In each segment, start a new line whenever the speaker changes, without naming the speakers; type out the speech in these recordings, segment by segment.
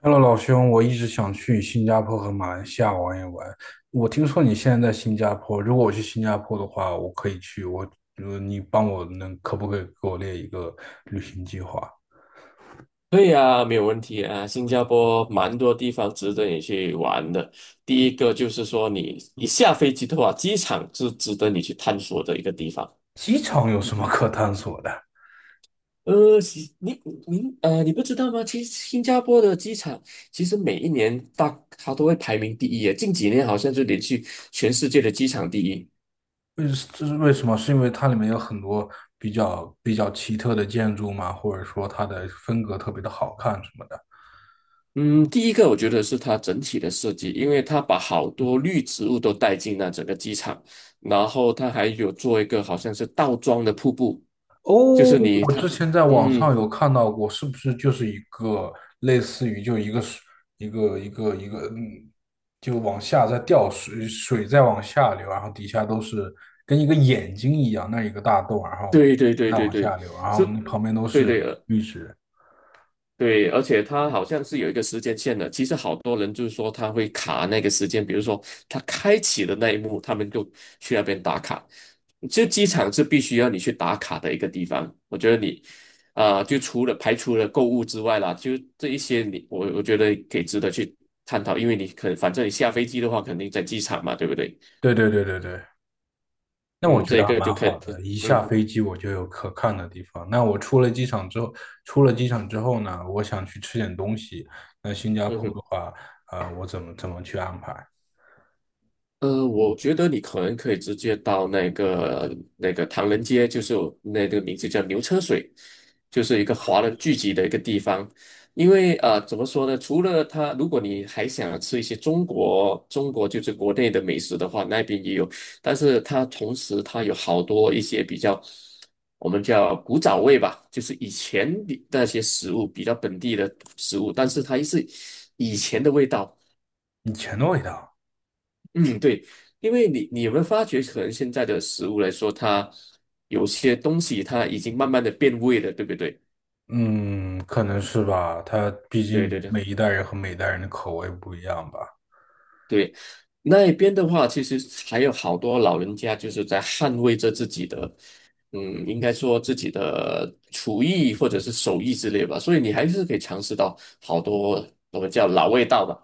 Hello，老兄，我一直想去新加坡和马来西亚玩一玩。我听说你现在在新加坡，如果我去新加坡的话，我可以去。你帮我能可不可以给我列一个旅行计划？
对呀，没有问题啊。新加坡蛮多地方值得你去玩的。第一个就是说，你下飞机的话，机场是值得你去探索的一个地方。
机场有什么可探索的？
呃，其你你呃，你不知道吗？其实新加坡的机场，其实每一年它都会排名第一耶。近几年好像就连续全世界的机场第一。
为这是为什么？是因为它里面有很多比较奇特的建筑吗？或者说它的风格特别的好看什么的？
嗯，第一个我觉得是它整体的设计，因为它把好多绿植物都带进了整个机场，然后它还有做一个好像是倒装的瀑布。就是你
我
他，
之前在网
嗯，
上有看到过，是不是就是一个类似于就一个水一个，就往下在掉水，水在往下流，然后底下都是跟一个眼睛一样，那一个大洞，然后
对对对
再
对
往下
对，
流，然后
是，
那旁边都
对
是
对
绿植。
对，而且它好像是有一个时间线的。其实好多人就是说他会卡那个时间，比如说他开启的那一幕，他们就去那边打卡。这机场是必须要你去打卡的一个地方。我觉得就除了购物之外啦，就这一些我觉得可以值得去探讨，因为反正你下飞机的话，肯定在机场嘛，对不对？
对对对对对，那我
嗯，
觉
这
得还
个就
蛮
可以。
好的，一下
嗯
飞机我就有可看的地方。那我出了机场之后，出了机场之后呢，我想去吃点东西。那新加
嗯
坡
哼。
的话，我怎么去安排？
我觉得你可能可以直接到那个唐人街，就是那个名字叫牛车水，就是一个华人聚集的一个地方。因为怎么说呢？除了它，如果你还想吃一些中国就是国内的美食的话，那边也有。但是它同时它有好多一些比较我们叫古早味吧，就是以前的那些食物比较本地的食物，但是它是以前的味道。
以前的味道，
嗯，对。因为你有没有发觉，可能现在的食物来说，它有些东西它已经慢慢的变味了，对不对？
嗯，可能是吧。他毕
对
竟
对对
每一代人和每一代人的口味不一样吧。
对。那一边的话，其实还有好多老人家就是在捍卫着自己的，嗯，应该说自己的厨艺或者是手艺之类吧，所以你还是可以尝试到好多我们叫老味道吧。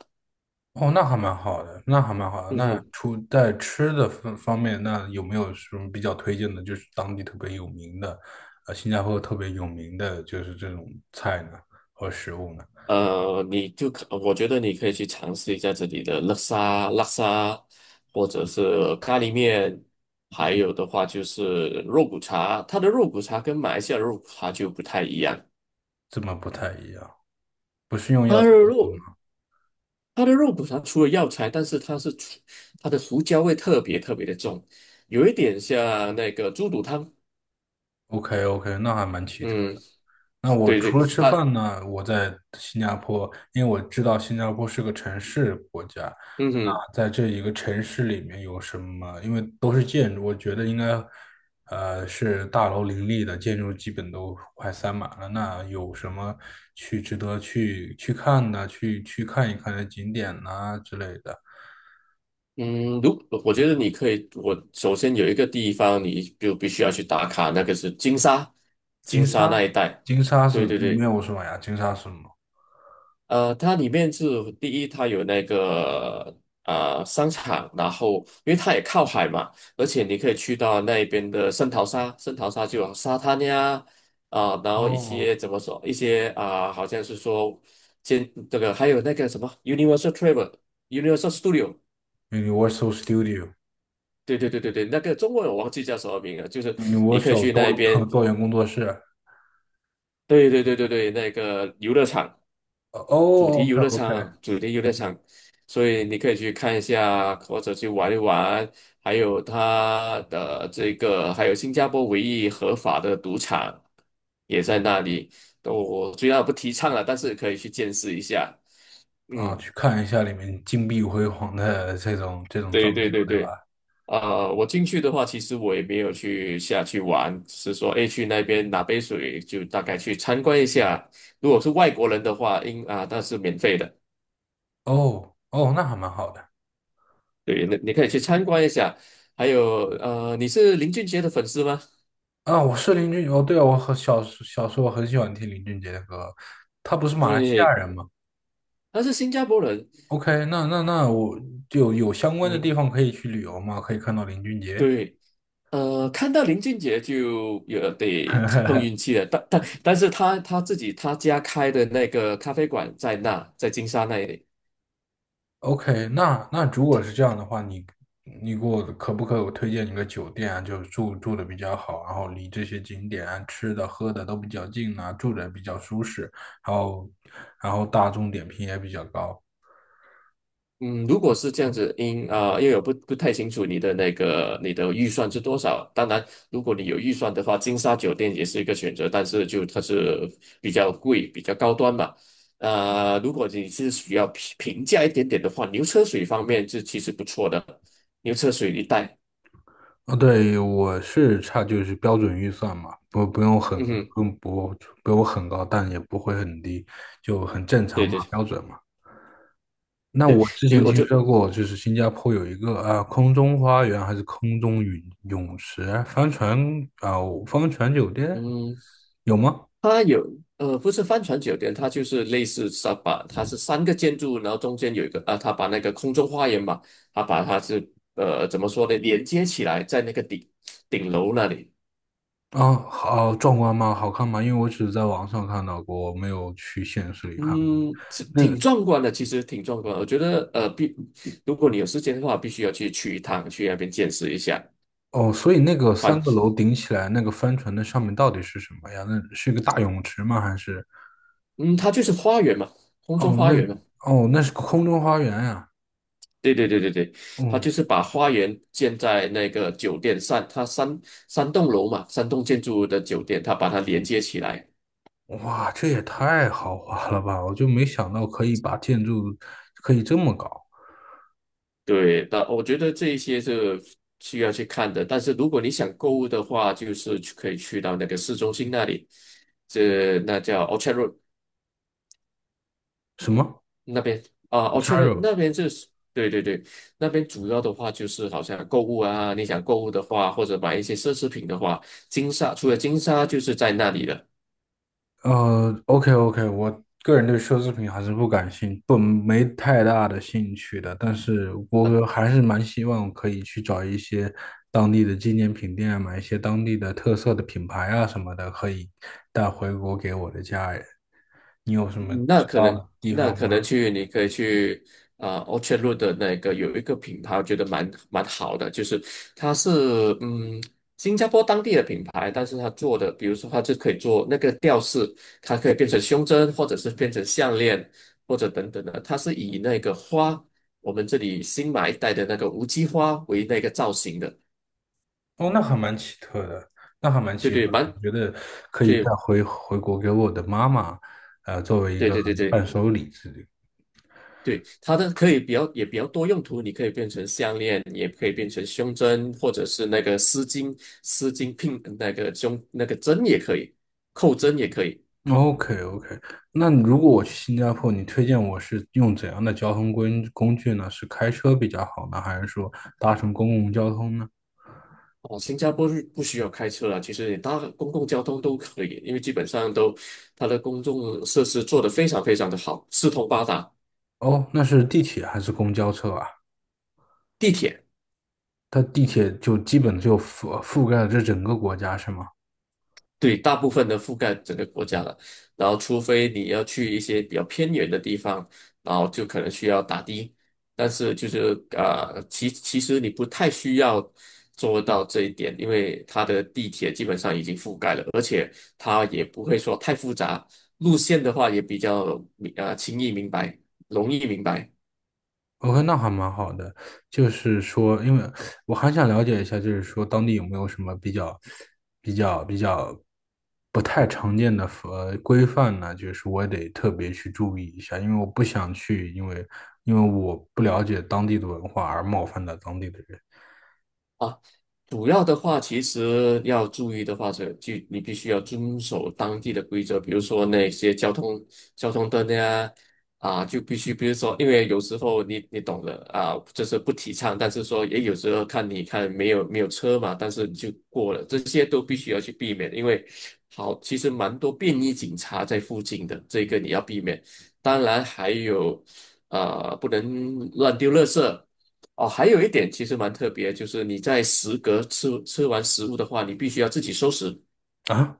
哦，那还蛮好的，那还蛮好的。
嗯
那
哼。
除在吃的方方面，那有没有什么比较推荐的，就是当地特别有名的，新加坡特别有名的就是这种菜呢，和食物呢？
呃，你就可，我觉得你可以去尝试一下这里的叻沙，或者是咖喱面，还有的话就是肉骨茶。它的肉骨茶跟马来西亚的肉骨茶就不太一样。
这么不太一样，不是用
它
药材。
的肉它的肉骨茶除了药材，但是它的胡椒味特别特别的重，有一点像那个猪肚汤。
OK OK，那还蛮奇特。
嗯，
那我
对对，
除了吃饭呢，我在新加坡，因为我知道新加坡是个城市国家，
嗯哼。
那在这一个城市里面有什么？因为都是建筑，我觉得应该，是大楼林立的，建筑基本都快塞满了。那有什么值得去看的，去看一看的景点呐之类的？
我觉得你可以，我首先有一个地方你就必须要去打卡，那个是金沙，金
金
沙
沙，
那一带。
金沙
对
是
对
里面
对。
有什么呀？金沙是什么？
它里面是第一，它有那个商场，然后因为它也靠海嘛，而且你可以去到那边的圣淘沙，圣淘沙就有沙滩呀。然后一
哦
些怎么说，一些啊、好像是说，建这个还有那个什么 Universal Travel、Universal Studio。
，Universal
对对对对对，那个中文我忘记叫什么名了，就是你可以
Studio，Universal
去
多
那边。
多元工作室。
对对对对对，那个游乐场，主题
哦
游乐
，OK OK，
场，主题游乐场，所以你可以去看一下，或者去玩一玩。还有它的这个，还有新加坡唯一合法的赌场也在那里。我虽然不提倡了，但是可以去见识一下。
啊，
嗯，
去看一下里面金碧辉煌的这种装
对对
修，
对
对
对。
吧？
我进去的话，其实我也没有去下去玩，只是说，诶，去那边拿杯水，就大概去参观一下。如果是外国人的话，那是免费的。
哦哦，那还蛮好的
对，那你可以去参观一下。还有，你是林俊杰的粉丝吗？
啊。我是林俊，哦，对啊，我很小时候很喜欢听林俊杰的歌，他不是马来西亚
对，
人吗
他是新加坡人。
？OK，那我就有相关的
你
地方可以去旅游吗？可以看到林俊杰？
对，看到林俊杰就有得碰运 气了，但是他自己他家开的那个咖啡馆在那，在金沙那里。
OK，那那如果是这样的话，你给我可不可以推荐一个酒店啊？就是住的比较好，然后离这些景点啊吃的喝的都比较近啊，住的比较舒适，然后然后大众点评也比较高。
嗯，如果是这样子，因为我不太清楚你的预算是多少。当然，如果你有预算的话，金沙酒店也是一个选择，但是就它是比较贵、比较高端嘛。如果你是需要平价一点点的话，牛车水方面是其实不错的，牛车水一带。
哦，对，我是差就是标准预算嘛，
嗯哼，
不不不用很高，但也不会很低，就很正常
对
嘛，
对。
标准嘛。那我之前
牛我
听
就
说过，就是新加坡有一个啊，空中花园还是空中泳池、啊、帆船酒店
嗯
有吗？
它有不是帆船酒店，它就是类似沙把，它是三个建筑，然后中间有一个啊，它把那个空中花园嘛，它把它是怎么说呢，连接起来在那个顶楼那里。
啊，好壮观吗？好看吗？因为我只是在网上看到过，我没有去现实里看过。
嗯，是
那
挺
个
壮观的，其实挺壮观的我觉得如果你有时间的话，必须要去去一趟，去那边见识一下。
哦，所以那个三
反
个楼顶起来，那个帆船的上面到底是什么呀？那是一个大泳池吗？还是
嗯，它就是花园嘛，空中
哦，
花园嘛。
哦，那是个空中花园呀、
对对对对对，他就
哦，
是把花园建在那个酒店上，三栋楼嘛，三栋建筑物的酒店，他把它连接起来。
哇，这也太豪华了吧！我就没想到可以把建筑可以这么搞。
对，那我觉得这一些是需要去看的。但是如果你想购物的话，就是可以去到那个市中心那里，那叫 Orchard Road
什么
那边啊
c a
，Orchard r
r
o
o
那边就是对对对。那边主要的话就是好像购物啊，你想购物的话，或者买一些奢侈品的话，除了金沙就是在那里了。
OK OK，我个人对奢侈品还是不感兴，不没太大的兴趣的。但是我还是蛮希望可以去找一些当地的纪念品店啊，买一些当地的特色的品牌啊什么的，可以带回国给我的家人。你有什么
嗯那
知
可
道
能，
的地
那
方
可
吗？
能去，你可以去Orchard Road 的那个有一个品牌，我觉得蛮好的。就是它是嗯新加坡当地的品牌，但是它做的，比如说它就可以做那个吊饰，它可以变成胸针，或者是变成项链，或者等等的，它是以那个花，我们这里新买一带的那个无机花为那个造型的。
哦，那还蛮奇特的，那还蛮
对
奇特
对，
的。我觉得可以带
对
回国给我的妈妈，作为一
对
个
对对对。
伴手礼之类。
对，它的可以比较也比较多用途，你可以变成项链，也可以变成胸针，或者是那个丝巾，丝巾拼那个胸那个针也可以，扣针也可以。
OK OK，那如果我
嗯，
去新加坡，你推荐我是用怎样的交通工具呢？是开车比较好呢，还是说搭乘公共交通呢？
哦，新加坡是不需要开车了，其实你搭公共交通都可以，因为基本上它的公众设施做得非常非常的好，四通八达。
哦，那是地铁还是公交车啊？
地铁。
它地铁就基本就覆盖了这整个国家，是吗？
对，大部分的覆盖整个国家了，然后除非你要去一些比较偏远的地方，然后就可能需要打的，但是其实你不太需要做到这一点，因为它的地铁基本上已经覆盖了，而且它也不会说太复杂，路线的话也比较明啊呃轻易明白，容易明白。
OK，那还蛮好的。就是说，因为我还想了解一下，就是说当地有没有什么比较不太常见的规范呢？就是我得特别去注意一下，因为我不想去，因为我不了解当地的文化而冒犯到当地的人
啊。主要的话，其实要注意的话，是，就你必须要遵守当地的规则，比如说那些交通灯呀。啊，就必须，比如说，因为有时候你懂的啊，这是不提倡，但是说也有时候看没有车嘛，但是你就过了，这些都必须要去避免。因为好，其实蛮多便衣警察在附近的，这个你要避免。当然还有，啊，不能乱丢垃圾。哦，还有一点其实蛮特别，就是你在食阁吃完食物的话，你必须要自己收拾。
啊。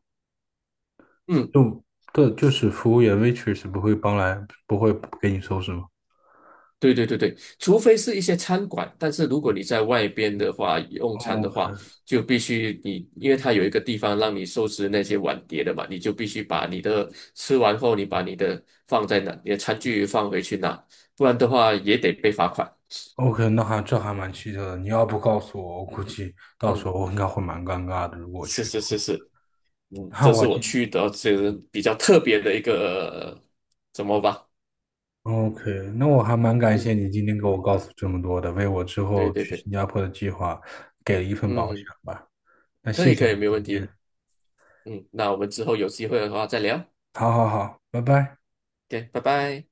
嗯，
就对，就是服务员 waitress 不会帮来，不会给你收拾吗
对对对对，除非是一些餐馆，但是如果你在外边的话用餐的话，
？OK
就必须你，因为它有一个地方让你收拾那些碗碟的嘛，你就必须把你的吃完后，你把你的放在那，你的餐具放回去拿，不然的话也得被罚款。
OK，那还这还蛮奇特的。你要不告诉我，我估计到时
嗯，
候我应该会蛮尴尬的，如果
是
去。
是是是。
那
这是
我
我
今
去的，是比较特别的一个，怎么吧？
OK，那我还蛮感
嗯，
谢你今天给我告诉这么多的，为我之
对
后
对
去
对。
新加坡的计划给了一份保险
嗯，
吧。那
可
谢
以
谢
可
你
以，没
今
问
天，
题。那我们之后有机会的话再聊。
好好好，拜拜。
OK，拜拜。